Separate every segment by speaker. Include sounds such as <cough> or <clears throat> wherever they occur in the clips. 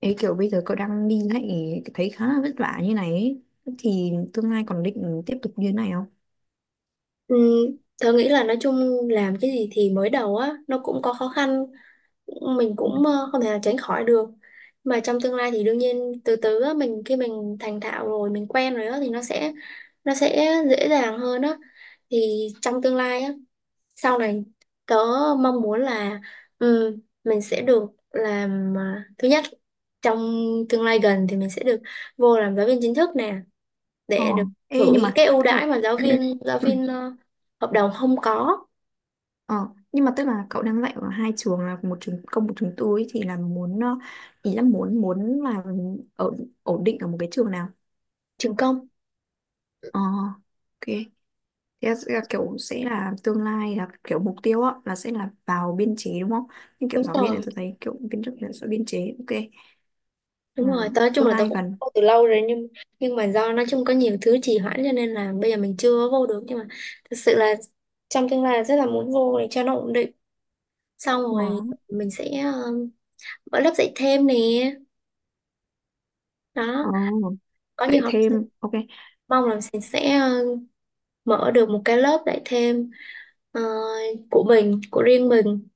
Speaker 1: Ấy kiểu bây giờ cậu đang đi lại thấy khá là vất vả như này ấy. Thì tương lai còn định tiếp tục như thế này không?
Speaker 2: Ừ, tớ nghĩ là nói chung làm cái gì thì mới đầu á nó cũng có khó khăn, mình cũng không thể nào tránh khỏi được, mà trong tương lai thì đương nhiên từ từ á, mình khi mình thành thạo rồi, mình quen rồi á thì nó sẽ dễ dàng hơn á. Thì trong tương lai á, sau này tớ mong muốn là, ừ, mình sẽ được làm, à, thứ nhất, trong tương lai gần thì mình sẽ được vô làm giáo viên chính thức nè,
Speaker 1: Ờ.
Speaker 2: để được
Speaker 1: Ê,
Speaker 2: hưởng
Speaker 1: nhưng
Speaker 2: những
Speaker 1: mà
Speaker 2: cái ưu
Speaker 1: tức
Speaker 2: đãi
Speaker 1: là
Speaker 2: mà giáo viên
Speaker 1: <clears throat>
Speaker 2: hợp đồng không có.
Speaker 1: ờ, nhưng mà tức là cậu đang dạy ở hai trường, là một trường công một trường tư ấy, thì là muốn ý là muốn muốn là ở ổn định ở một cái trường nào?
Speaker 2: Trường công.
Speaker 1: Ờ, ok. Thế là sẽ là kiểu, sẽ là tương lai là kiểu mục tiêu á là sẽ là vào biên chế đúng không? Nhưng kiểu
Speaker 2: Đúng
Speaker 1: giáo viên này
Speaker 2: rồi,
Speaker 1: tôi thấy kiểu biên chức là sẽ biên chế, ok. Ừ,
Speaker 2: đúng rồi, tớ nói chung
Speaker 1: tương
Speaker 2: là tớ
Speaker 1: lai
Speaker 2: cũng
Speaker 1: gần.
Speaker 2: vô từ lâu rồi, nhưng mà do nói chung có nhiều thứ trì hoãn, cho nên là bây giờ mình chưa vô được, nhưng mà thật sự là trong tương lai rất là muốn vô để cho nó ổn định. Xong
Speaker 1: Ờ.
Speaker 2: rồi mình sẽ mở lớp dạy thêm nè, đó,
Speaker 1: Ờ.
Speaker 2: có
Speaker 1: Dạy
Speaker 2: nhiều học sinh.
Speaker 1: thêm, ok.
Speaker 2: Mong là mình sẽ mở được một cái lớp dạy thêm ờ, của mình, của riêng mình,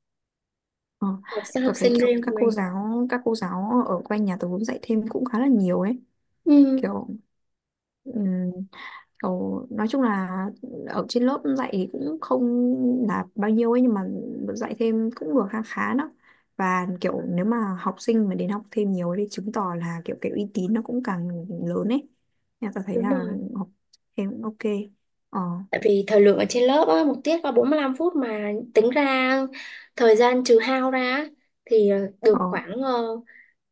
Speaker 1: Ờ.
Speaker 2: học sinh học
Speaker 1: Tớ thấy
Speaker 2: sinh
Speaker 1: kiểu
Speaker 2: riêng
Speaker 1: các
Speaker 2: của
Speaker 1: cô
Speaker 2: mình.
Speaker 1: giáo, các cô giáo ở quanh nhà tớ dạy thêm cũng khá là nhiều ấy,
Speaker 2: Ừ,
Speaker 1: kiểu ừm, kiểu nói chung là ở trên lớp dạy cũng không là bao nhiêu ấy, nhưng mà dạy thêm cũng được khá khá đó. Và kiểu nếu mà học sinh mà đến học thêm nhiều ấy thì chứng tỏ là kiểu cái uy tín nó cũng càng lớn ấy, nên tôi thấy
Speaker 2: đúng
Speaker 1: là
Speaker 2: rồi.
Speaker 1: học thêm cũng ok. Ờ.
Speaker 2: Tại vì thời lượng ở trên lớp á, một tiết có 45 phút, mà tính ra thời gian trừ hao ra á, thì được
Speaker 1: Ờ.
Speaker 2: khoảng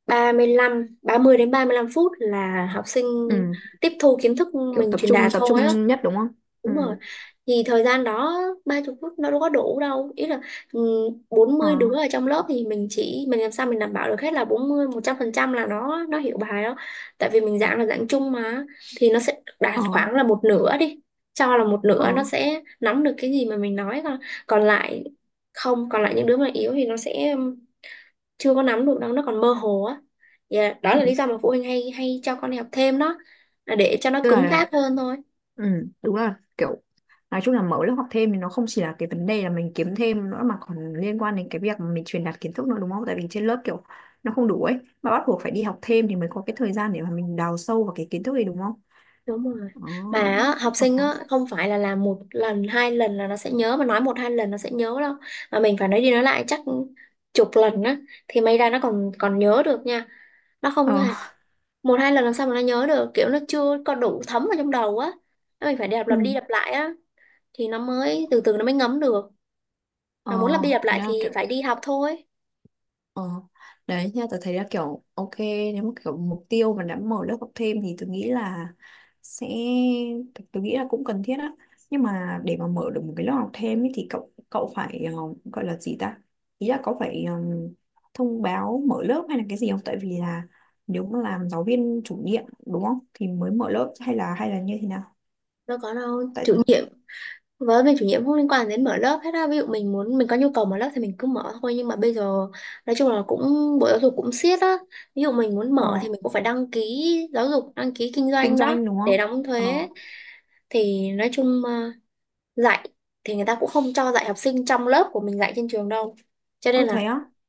Speaker 2: 35, 30 đến 35 phút là học sinh
Speaker 1: Ừ.
Speaker 2: tiếp thu kiến thức
Speaker 1: Kiểu
Speaker 2: mình
Speaker 1: tập
Speaker 2: truyền đạt
Speaker 1: trung tập
Speaker 2: thôi á.
Speaker 1: trung nhất đúng không? Ừ.
Speaker 2: Đúng rồi. Thì thời gian đó 30 phút nó đâu có đủ đâu. Ý là, ừ, bốn
Speaker 1: Ờ.
Speaker 2: mươi đứa ở trong lớp thì mình chỉ, mình làm sao mình đảm bảo được hết là 40, 100% là nó hiểu bài đó. Tại vì mình giảng là giảng chung mà, thì nó sẽ đạt
Speaker 1: Ờ.
Speaker 2: khoảng là một nửa đi. Cho là một
Speaker 1: Ờ.
Speaker 2: nửa nó sẽ nắm được cái gì mà mình nói, còn còn lại không, còn lại những đứa mà yếu thì nó sẽ chưa có nắm được đâu, nó còn mơ hồ á. Dạ, đó
Speaker 1: Ừ.
Speaker 2: là lý do mà phụ huynh hay hay cho con đi học thêm đó, là để cho nó
Speaker 1: Tức
Speaker 2: cứng
Speaker 1: là,
Speaker 2: cáp hơn thôi.
Speaker 1: ừ, đúng là kiểu nói chung là mở lớp học thêm thì nó không chỉ là cái vấn đề là mình kiếm thêm nữa, mà còn liên quan đến cái việc mà mình truyền đạt kiến thức nữa đúng không? Tại vì trên lớp kiểu nó không đủ ấy, mà bắt buộc phải đi học thêm thì mới có cái thời gian để mà mình đào sâu vào cái kiến thức này đúng không?
Speaker 2: Đúng rồi,
Speaker 1: Ờ.
Speaker 2: mà á, học
Speaker 1: Ờ.
Speaker 2: sinh á không phải là làm một lần hai lần là nó sẽ nhớ, mà nói một hai lần nó sẽ nhớ đâu, mà mình phải nói đi nói lại chắc chục lần á thì may ra nó còn còn nhớ được nha, nó không
Speaker 1: Ờ.
Speaker 2: hề- một hai lần làm sao mà nó nhớ được, kiểu nó chưa có đủ thấm vào trong đầu á. Nó mình phải đạp
Speaker 1: Ừ.
Speaker 2: lặp đi lặp lại á, thì nó mới từ từ nó mới ngấm được,
Speaker 1: Ờ,
Speaker 2: mà muốn lặp đi lặp
Speaker 1: thế
Speaker 2: lại thì
Speaker 1: là kiểu.
Speaker 2: phải đi học thôi.
Speaker 1: Ờ, đấy nha, tôi thấy là kiểu ok, nếu mà kiểu mục tiêu mà đã mở lớp học thêm thì tôi nghĩ là sẽ, tôi nghĩ là cũng cần thiết á. Nhưng mà để mà mở được một cái lớp học thêm ấy, thì cậu cậu phải, gọi là gì ta, ý là cậu phải thông báo mở lớp hay là cái gì không, tại vì là nếu mà làm giáo viên chủ nhiệm đúng không thì mới mở lớp, hay là như thế nào?
Speaker 2: Đâu có đâu
Speaker 1: Tại.
Speaker 2: chủ nhiệm, với mình chủ nhiệm không liên quan đến mở lớp hết á, ví dụ mình muốn, mình có nhu cầu mở lớp thì mình cứ mở thôi. Nhưng mà bây giờ nói chung là cũng bộ giáo dục cũng siết á, ví dụ mình muốn
Speaker 1: ờ,
Speaker 2: mở thì mình cũng phải đăng ký giáo dục, đăng ký kinh
Speaker 1: Kinh
Speaker 2: doanh đó,
Speaker 1: doanh đúng
Speaker 2: để
Speaker 1: không?
Speaker 2: đóng
Speaker 1: Ờ.
Speaker 2: thuế. Thì nói chung dạy thì người ta cũng không cho dạy học sinh trong lớp của mình dạy trên trường đâu, cho nên
Speaker 1: Ừ,
Speaker 2: là,
Speaker 1: thấy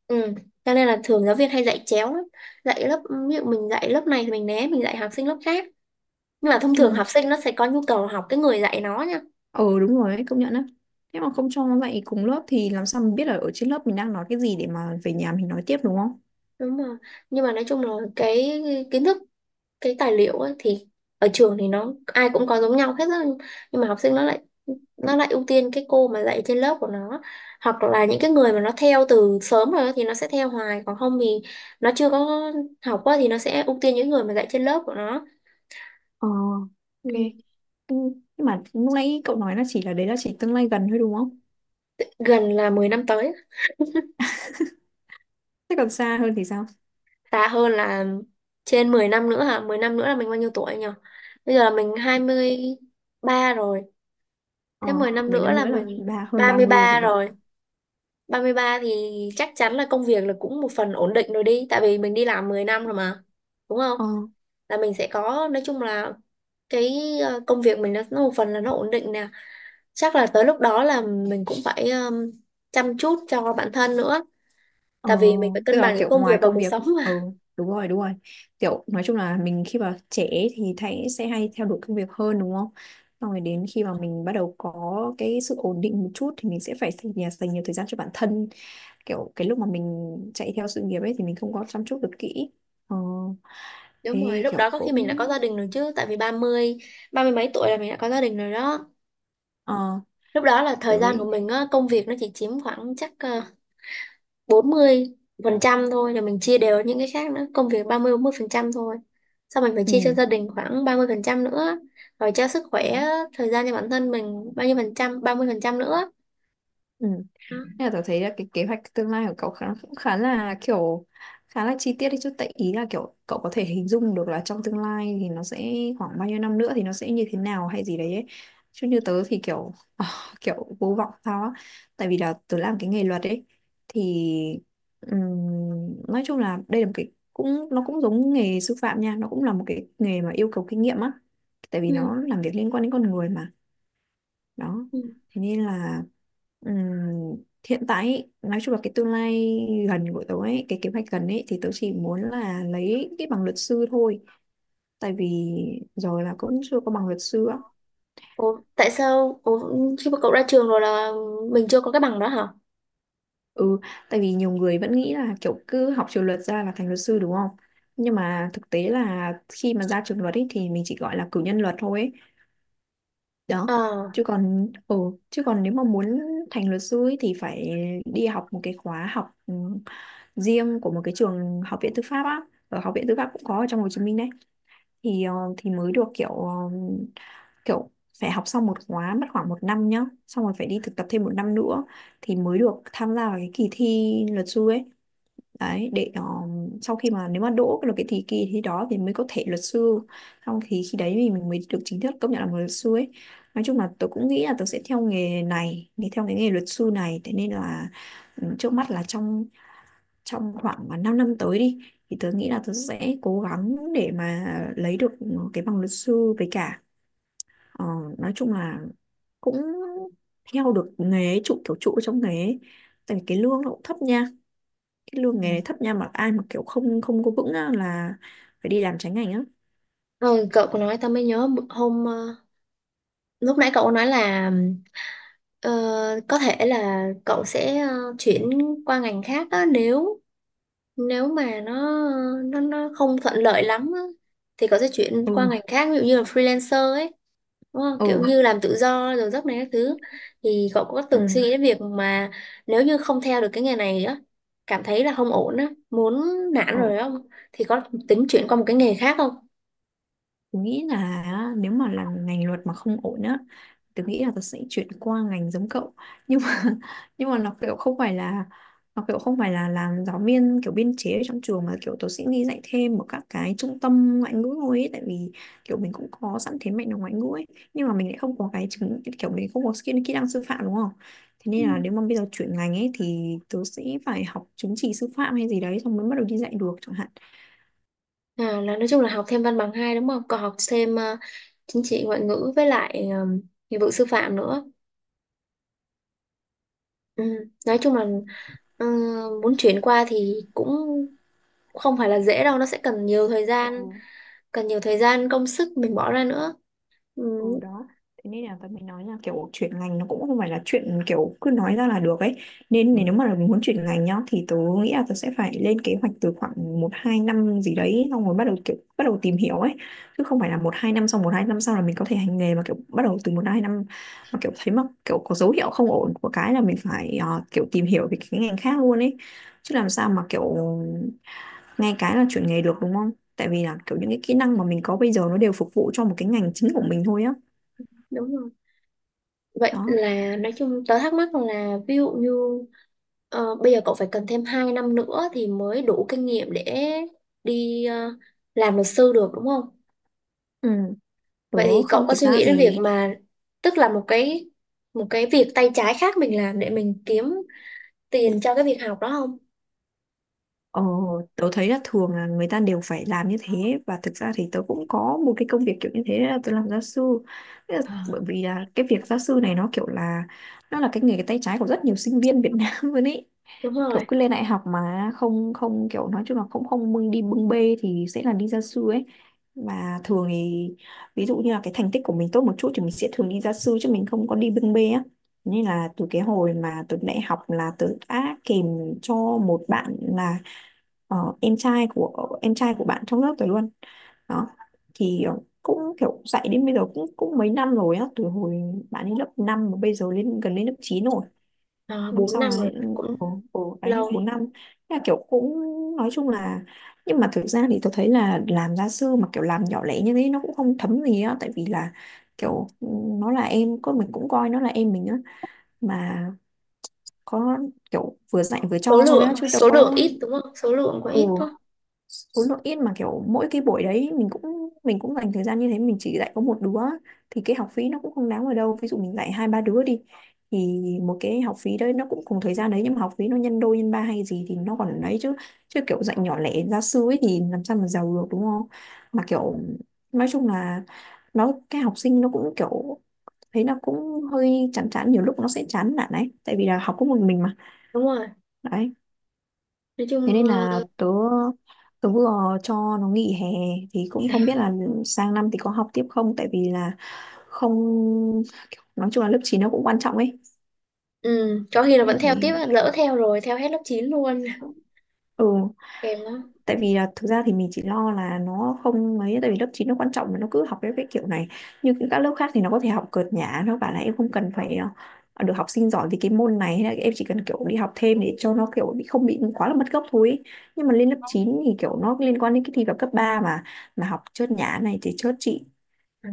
Speaker 2: ừ, cho nên là thường giáo viên hay dạy chéo lắm, dạy lớp, ví dụ mình dạy lớp này thì mình né, mình dạy học sinh lớp khác, nhưng mà thông
Speaker 1: á.
Speaker 2: thường học sinh nó sẽ có nhu cầu học cái người dạy nó nha.
Speaker 1: Ừ đúng rồi đấy, công nhận á. Thế mà không cho nó dạy cùng lớp thì làm sao mình biết là ở trên lớp mình đang nói cái gì để mà về nhà mình nói tiếp đúng không?
Speaker 2: Đúng rồi, nhưng mà nói chung là cái kiến thức, cái tài liệu ấy, thì ở trường thì nó ai cũng có giống nhau hết á. Nhưng mà học sinh nó lại ưu tiên cái cô mà dạy trên lớp của nó, hoặc là những cái người mà nó theo từ sớm rồi á thì nó sẽ theo hoài, còn không thì nó chưa có học quá, thì nó sẽ ưu tiên những người mà dạy trên lớp của nó.
Speaker 1: Ờ, ok.
Speaker 2: Ừ,
Speaker 1: Ừ, nhưng mà lúc nãy cậu nói là chỉ là đấy là chỉ tương lai gần thôi đúng không?
Speaker 2: gần là 10 năm tới.
Speaker 1: Thế còn xa hơn thì sao?
Speaker 2: Xa hơn là trên 10 năm nữa hả? 10 năm nữa là mình bao nhiêu tuổi nhỉ? Bây giờ là mình 23 rồi,
Speaker 1: Ờ,
Speaker 2: thế 10 năm
Speaker 1: 10
Speaker 2: nữa
Speaker 1: năm
Speaker 2: là
Speaker 1: nữa là
Speaker 2: mình
Speaker 1: ba hơn
Speaker 2: ba
Speaker 1: ba
Speaker 2: mươi
Speaker 1: mươi rồi
Speaker 2: ba
Speaker 1: đó.
Speaker 2: rồi. Ba mươi ba thì chắc chắn là công việc là cũng một phần ổn định rồi đi, tại vì mình đi làm 10 năm rồi mà, đúng không?
Speaker 1: Ờ.
Speaker 2: Là mình sẽ có, nói chung là cái công việc mình nó một phần là nó ổn định nè. Chắc là tới lúc đó là mình cũng phải chăm chút cho bản thân nữa,
Speaker 1: Ờ,
Speaker 2: tại vì mình phải
Speaker 1: tức
Speaker 2: cân
Speaker 1: là
Speaker 2: bằng giữa
Speaker 1: kiểu
Speaker 2: công
Speaker 1: ngoài
Speaker 2: việc và
Speaker 1: công
Speaker 2: cuộc
Speaker 1: việc.
Speaker 2: sống
Speaker 1: Ừ,
Speaker 2: mà.
Speaker 1: đúng rồi đúng rồi, kiểu nói chung là mình khi mà trẻ ấy thì thấy sẽ hay theo đuổi công việc hơn đúng không, xong rồi đến khi mà mình bắt đầu có cái sự ổn định một chút thì mình sẽ phải dành, dành nhiều thời gian cho bản thân, kiểu cái lúc mà mình chạy theo sự nghiệp ấy thì mình không có chăm chút được kỹ. Ờ.
Speaker 2: <laughs> Đúng rồi,
Speaker 1: Thế
Speaker 2: lúc đó
Speaker 1: kiểu
Speaker 2: có khi mình đã
Speaker 1: cũng.
Speaker 2: có gia đình rồi chứ, tại vì 30, 30 mấy tuổi là mình đã có gia đình rồi đó.
Speaker 1: Ờ.
Speaker 2: Lúc đó là thời gian
Speaker 1: Tới.
Speaker 2: của mình á, công việc nó chỉ chiếm khoảng chắc 40% thôi, là mình chia đều những cái khác nữa, công việc 30, 40% thôi, xong mình phải
Speaker 1: Ừ.
Speaker 2: chia cho gia đình khoảng 30% nữa, rồi cho sức
Speaker 1: Ừ.
Speaker 2: khỏe, thời gian cho bản thân mình bao nhiêu phần trăm, 30% nữa.
Speaker 1: Ừ.
Speaker 2: Đó.
Speaker 1: Nên là tớ thấy là cái kế hoạch tương lai của cậu khá, cũng khá là kiểu khá là chi tiết đấy chứ, tại ý là kiểu cậu có thể hình dung được là trong tương lai thì nó sẽ khoảng bao nhiêu năm nữa thì nó sẽ như thế nào hay gì đấy ấy. Chứ như tớ thì kiểu à, <laughs> kiểu vô vọng sao á, tại vì là tớ làm cái nghề luật ấy thì, ừm, nói chung là đây là một cái cũng, nó cũng giống nghề sư phạm nha, nó cũng là một cái nghề mà yêu cầu kinh nghiệm á, tại vì
Speaker 2: Ừ.
Speaker 1: nó làm việc liên quan đến con người mà. Đó.
Speaker 2: Ừ.
Speaker 1: Thế nên là, ừm, hiện tại ý, nói chung là cái tương lai gần của tớ ấy, cái kế hoạch gần ấy, thì tớ chỉ muốn là lấy cái bằng luật sư thôi, tại vì rồi là cũng chưa có bằng luật sư á.
Speaker 2: Ủa, tại sao? Ủa, khi mà cậu ra trường rồi là mình chưa có cái bằng đó hả?
Speaker 1: Ừ, tại vì nhiều người vẫn nghĩ là kiểu cứ học trường luật ra là thành luật sư đúng không, nhưng mà thực tế là khi mà ra trường luật ấy thì mình chỉ gọi là cử nhân luật thôi ấy. Đó.
Speaker 2: Ờ.
Speaker 1: Chứ còn ừ, chứ còn nếu mà muốn thành luật sư ấy, thì phải đi học một cái khóa học riêng của một cái trường, học viện tư pháp á, ở học viện tư pháp cũng có ở trong Hồ Chí Minh đấy, thì thì mới được kiểu kiểu phải học xong một khóa mất khoảng một năm nhá, xong rồi phải đi thực tập thêm một năm nữa, thì mới được tham gia vào cái kỳ thi luật sư ấy, đấy để sau khi mà nếu mà đỗ được cái thì kỳ thi đó thì mới có thể luật sư, xong thì khi đấy thì mình mới được chính thức công nhận là một luật sư ấy. Nói chung là tôi cũng nghĩ là tôi sẽ theo nghề này thì theo cái nghề luật sư này, thế nên là, ừ, trước mắt là trong trong khoảng mà 5 năm tới đi, thì tôi nghĩ là tôi sẽ cố gắng để mà lấy được cái bằng luật sư, với cả ờ, nói chung là cũng theo được nghề ấy, trụ kiểu trụ trong nghề ấy. Tại vì cái lương nó cũng thấp nha, cái lương nghề này thấp nha, mà ai mà kiểu không không có vững á, là phải đi làm trái ngành á.
Speaker 2: Ừ, cậu có nói tao mới nhớ, hôm lúc nãy cậu có nói là ờ, có thể là cậu sẽ chuyển qua ngành khác á, nếu nếu mà nó không thuận lợi lắm á, thì có thể chuyển qua
Speaker 1: Ừ.
Speaker 2: ngành khác, ví dụ như là freelancer ấy, đúng không? Kiểu
Speaker 1: Ừ.
Speaker 2: như làm tự do rồi giấc này các thứ. Thì cậu có từng suy nghĩ
Speaker 1: Ừ.
Speaker 2: đến việc mà nếu như không theo được cái nghề này á, cảm thấy là không ổn á, muốn nản
Speaker 1: Ừ.
Speaker 2: rồi không, thì có tính chuyển qua một cái nghề khác không?
Speaker 1: Tôi nghĩ là á, nếu mà là ngành luật mà không ổn á, tôi nghĩ là tôi sẽ chuyển qua ngành giống cậu, nhưng mà <laughs> nhưng mà nó kiểu không phải là, nó kiểu không phải là làm giáo viên kiểu biên chế ở trong trường, mà kiểu tôi sẽ đi dạy thêm ở các cái trung tâm ngoại ngữ thôi ấy, tại vì kiểu mình cũng có sẵn thế mạnh là ngoại ngữ ấy, nhưng mà mình lại không có cái chứng, kiểu mình không có skill kỹ năng sư phạm đúng không, thế
Speaker 2: Ừ.
Speaker 1: nên là nếu mà bây giờ chuyển ngành ấy thì tôi sẽ phải học chứng chỉ sư phạm hay gì đấy xong mới bắt đầu đi dạy được chẳng hạn.
Speaker 2: À, là nói chung là học thêm văn bằng hai đúng không, còn học thêm chính trị ngoại ngữ với lại nghiệp vụ sư phạm nữa. Ừ, nói chung là ờ, muốn chuyển qua thì cũng không phải là dễ đâu, nó sẽ cần nhiều thời
Speaker 1: Ừ.
Speaker 2: gian, cần nhiều thời gian công sức mình bỏ ra nữa. Ừ,
Speaker 1: Ừ đó, thế nên là tớ mới nói là kiểu chuyển ngành nó cũng không phải là chuyện kiểu cứ nói ra là được ấy, nên nếu mà là muốn chuyển ngành nhá thì tớ nghĩ là tớ sẽ phải lên kế hoạch từ khoảng một hai năm gì đấy xong rồi bắt đầu kiểu bắt đầu tìm hiểu ấy, chứ không phải là một hai năm xong một hai năm sau là mình có thể hành nghề, mà kiểu bắt đầu từ một hai năm mà kiểu thấy mà kiểu có dấu hiệu không ổn của cái là mình phải kiểu tìm hiểu về cái ngành khác luôn ấy, chứ làm sao mà kiểu ngay cái là chuyển nghề được đúng không, tại vì là kiểu những cái kỹ năng mà mình có bây giờ nó đều phục vụ cho một cái ngành chính của mình thôi á.
Speaker 2: đúng rồi.
Speaker 1: Đó.
Speaker 2: Vậy là nói chung tớ thắc mắc là, ví dụ như bây giờ cậu phải cần thêm 2 năm nữa thì mới đủ kinh nghiệm để đi làm luật sư được đúng không?
Speaker 1: Ừ. tớ
Speaker 2: Vậy thì cậu
Speaker 1: Không,
Speaker 2: có
Speaker 1: thực
Speaker 2: suy
Speaker 1: ra
Speaker 2: nghĩ đến việc
Speaker 1: thì
Speaker 2: mà, tức là một cái việc tay trái khác mình làm để mình kiếm tiền cho cái việc học đó không?
Speaker 1: ờ, tớ thấy là thường là người ta đều phải làm như thế. Và thực ra thì tớ cũng có một cái công việc kiểu như thế là tớ làm gia sư. Thế là,
Speaker 2: Ờ.
Speaker 1: bởi vì là cái việc gia sư này nó là cái nghề tay trái của rất nhiều sinh viên Việt Nam <laughs> luôn ý.
Speaker 2: Đúng
Speaker 1: Kiểu
Speaker 2: rồi.
Speaker 1: cứ lên đại học mà không không kiểu nói chung là không không đi bưng bê thì sẽ là đi gia sư ấy. Và thường thì ví dụ như là cái thành tích của mình tốt một chút thì mình sẽ thường đi gia sư chứ mình không có đi bưng bê á. Nên là từ cái hồi mà từ đại học là tớ đã kèm cho một bạn là em trai của bạn trong lớp tớ luôn. Đó, thì cũng kiểu dạy đến bây giờ cũng cũng mấy năm rồi á, từ hồi bạn ấy lớp 5 mà bây giờ lên gần lên lớp 9 rồi.
Speaker 2: À,
Speaker 1: Năm
Speaker 2: 4
Speaker 1: sau
Speaker 2: năm
Speaker 1: là,
Speaker 2: rồi cũng
Speaker 1: ồ ồ đấy,
Speaker 2: lâu.
Speaker 1: 4 năm. Thế là kiểu cũng nói chung là, nhưng mà thực ra thì tôi thấy là làm gia sư mà kiểu làm nhỏ lẻ như thế nó cũng không thấm gì á, tại vì là kiểu, nó là em, có mình cũng coi nó là em mình á mà, có kiểu vừa dạy vừa
Speaker 2: số
Speaker 1: cho thôi á
Speaker 2: lượng
Speaker 1: chứ đâu
Speaker 2: số lượng
Speaker 1: có.
Speaker 2: ít đúng không, số lượng quá
Speaker 1: Ừ,
Speaker 2: ít đúng không?
Speaker 1: số lượng ít mà kiểu mỗi cái buổi đấy mình cũng dành thời gian như thế, mình chỉ dạy có một đứa thì cái học phí nó cũng không đáng ở đâu. Ví dụ mình dạy hai ba đứa đi thì một cái học phí đấy nó cũng cùng thời gian đấy nhưng mà học phí nó nhân đôi nhân ba hay gì thì nó còn ấy chứ. Chứ kiểu dạy nhỏ lẻ gia sư ấy thì làm sao mà giàu được, đúng không? Mà kiểu nói chung là, nó cái học sinh nó cũng kiểu thấy nó cũng hơi chán chán, nhiều lúc nó sẽ chán nản ấy, tại vì là học có một mình mà.
Speaker 2: Đúng rồi,
Speaker 1: Đấy,
Speaker 2: nói
Speaker 1: thế
Speaker 2: chung
Speaker 1: nên là tớ tớ vừa cho nó nghỉ hè thì cũng không biết là sang năm thì có học tiếp không, tại vì là không, nói chung là lớp 9 nó cũng quan trọng ấy.
Speaker 2: ừ, có khi là vẫn theo tiếp,
Speaker 1: Ừ.
Speaker 2: lỡ theo rồi theo hết lớp 9 luôn. <laughs>
Speaker 1: Ừ,
Speaker 2: Kèm lắm.
Speaker 1: tại vì là thực ra thì mình chỉ lo là nó không mấy, tại vì lớp 9 nó quan trọng mà nó cứ học cái kiểu này. Như những các lớp khác thì nó có thể học cợt nhả, nó bảo là em không cần phải được học sinh giỏi vì cái môn này, hay là em chỉ cần kiểu đi học thêm để cho nó kiểu bị không bị quá là mất gốc thôi ý. Nhưng mà lên lớp 9 thì kiểu nó liên quan đến cái thi vào cấp 3 mà học chớt nhả này thì chớt chị.
Speaker 2: Ừ.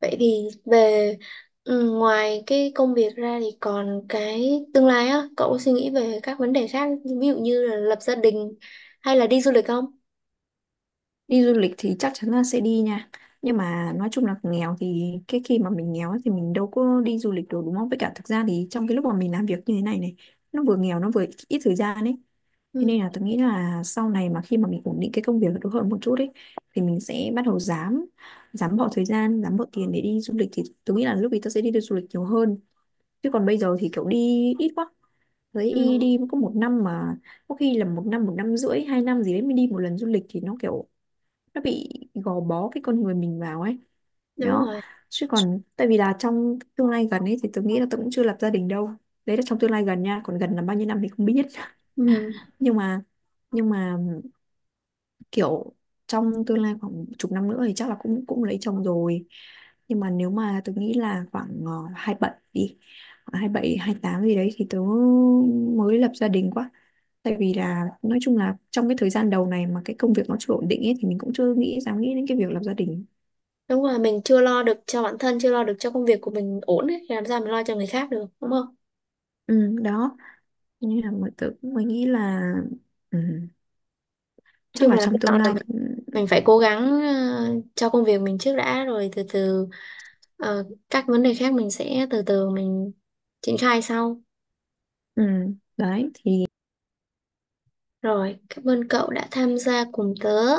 Speaker 2: Vậy thì về, ừ, ngoài cái công việc ra thì còn cái tương lai á, cậu có suy nghĩ về các vấn đề khác, ví dụ như là lập gia đình hay là đi du lịch không?
Speaker 1: Đi du lịch thì chắc chắn là sẽ đi nha, nhưng mà nói chung là nghèo thì, cái khi mà mình nghèo ấy thì mình đâu có đi du lịch được đúng không. Với cả thực ra thì trong cái lúc mà mình làm việc như thế này này, nó vừa nghèo nó vừa ít ít thời gian ấy. Thế
Speaker 2: Ừ.
Speaker 1: nên là tôi nghĩ là sau này mà khi mà mình ổn định cái công việc được hơn một chút ấy thì mình sẽ bắt đầu dám dám bỏ thời gian dám bỏ tiền để đi du lịch, thì tôi nghĩ là lúc ấy tôi sẽ đi du lịch nhiều hơn. Chứ còn bây giờ thì kiểu đi ít quá, thấy đi
Speaker 2: Ừ,
Speaker 1: đi có một năm mà, có khi là một năm, một năm rưỡi, hai năm gì đấy mới đi một lần du lịch thì nó kiểu nó bị gò bó cái con người mình vào ấy.
Speaker 2: đúng
Speaker 1: Đó,
Speaker 2: rồi.
Speaker 1: chứ còn tại vì là trong tương lai gần ấy thì tôi nghĩ là tôi cũng chưa lập gia đình đâu. Đấy là trong tương lai gần nha, còn gần là bao nhiêu năm thì không biết. <laughs>
Speaker 2: Ừ,
Speaker 1: nhưng mà nhưng mà kiểu trong tương lai khoảng chục năm nữa thì chắc là cũng cũng lấy chồng rồi. Nhưng mà nếu mà tôi nghĩ là khoảng 27 đi, khoảng 27, 28 gì đấy thì tớ mới lập gia đình quá. Tại vì là nói chung là trong cái thời gian đầu này mà cái công việc nó chưa ổn định ấy thì mình cũng chưa dám nghĩ đến cái việc lập gia đình.
Speaker 2: đúng rồi, mình chưa lo được cho bản thân, chưa lo được cho công việc của mình ổn ấy, thì làm sao mình lo cho người khác được đúng không?
Speaker 1: Ừ, đó. Cho nên là mọi tự mới nghĩ là, ừ,
Speaker 2: Nói
Speaker 1: chắc
Speaker 2: chung
Speaker 1: là
Speaker 2: là hy
Speaker 1: trong tương
Speaker 2: vọng là
Speaker 1: lai thì,
Speaker 2: mình phải cố gắng cho công việc mình trước đã, rồi từ từ ờ, các vấn đề khác mình sẽ từ từ mình triển khai sau.
Speaker 1: ừ, đấy thì
Speaker 2: Rồi cảm ơn cậu đã tham gia cùng tớ.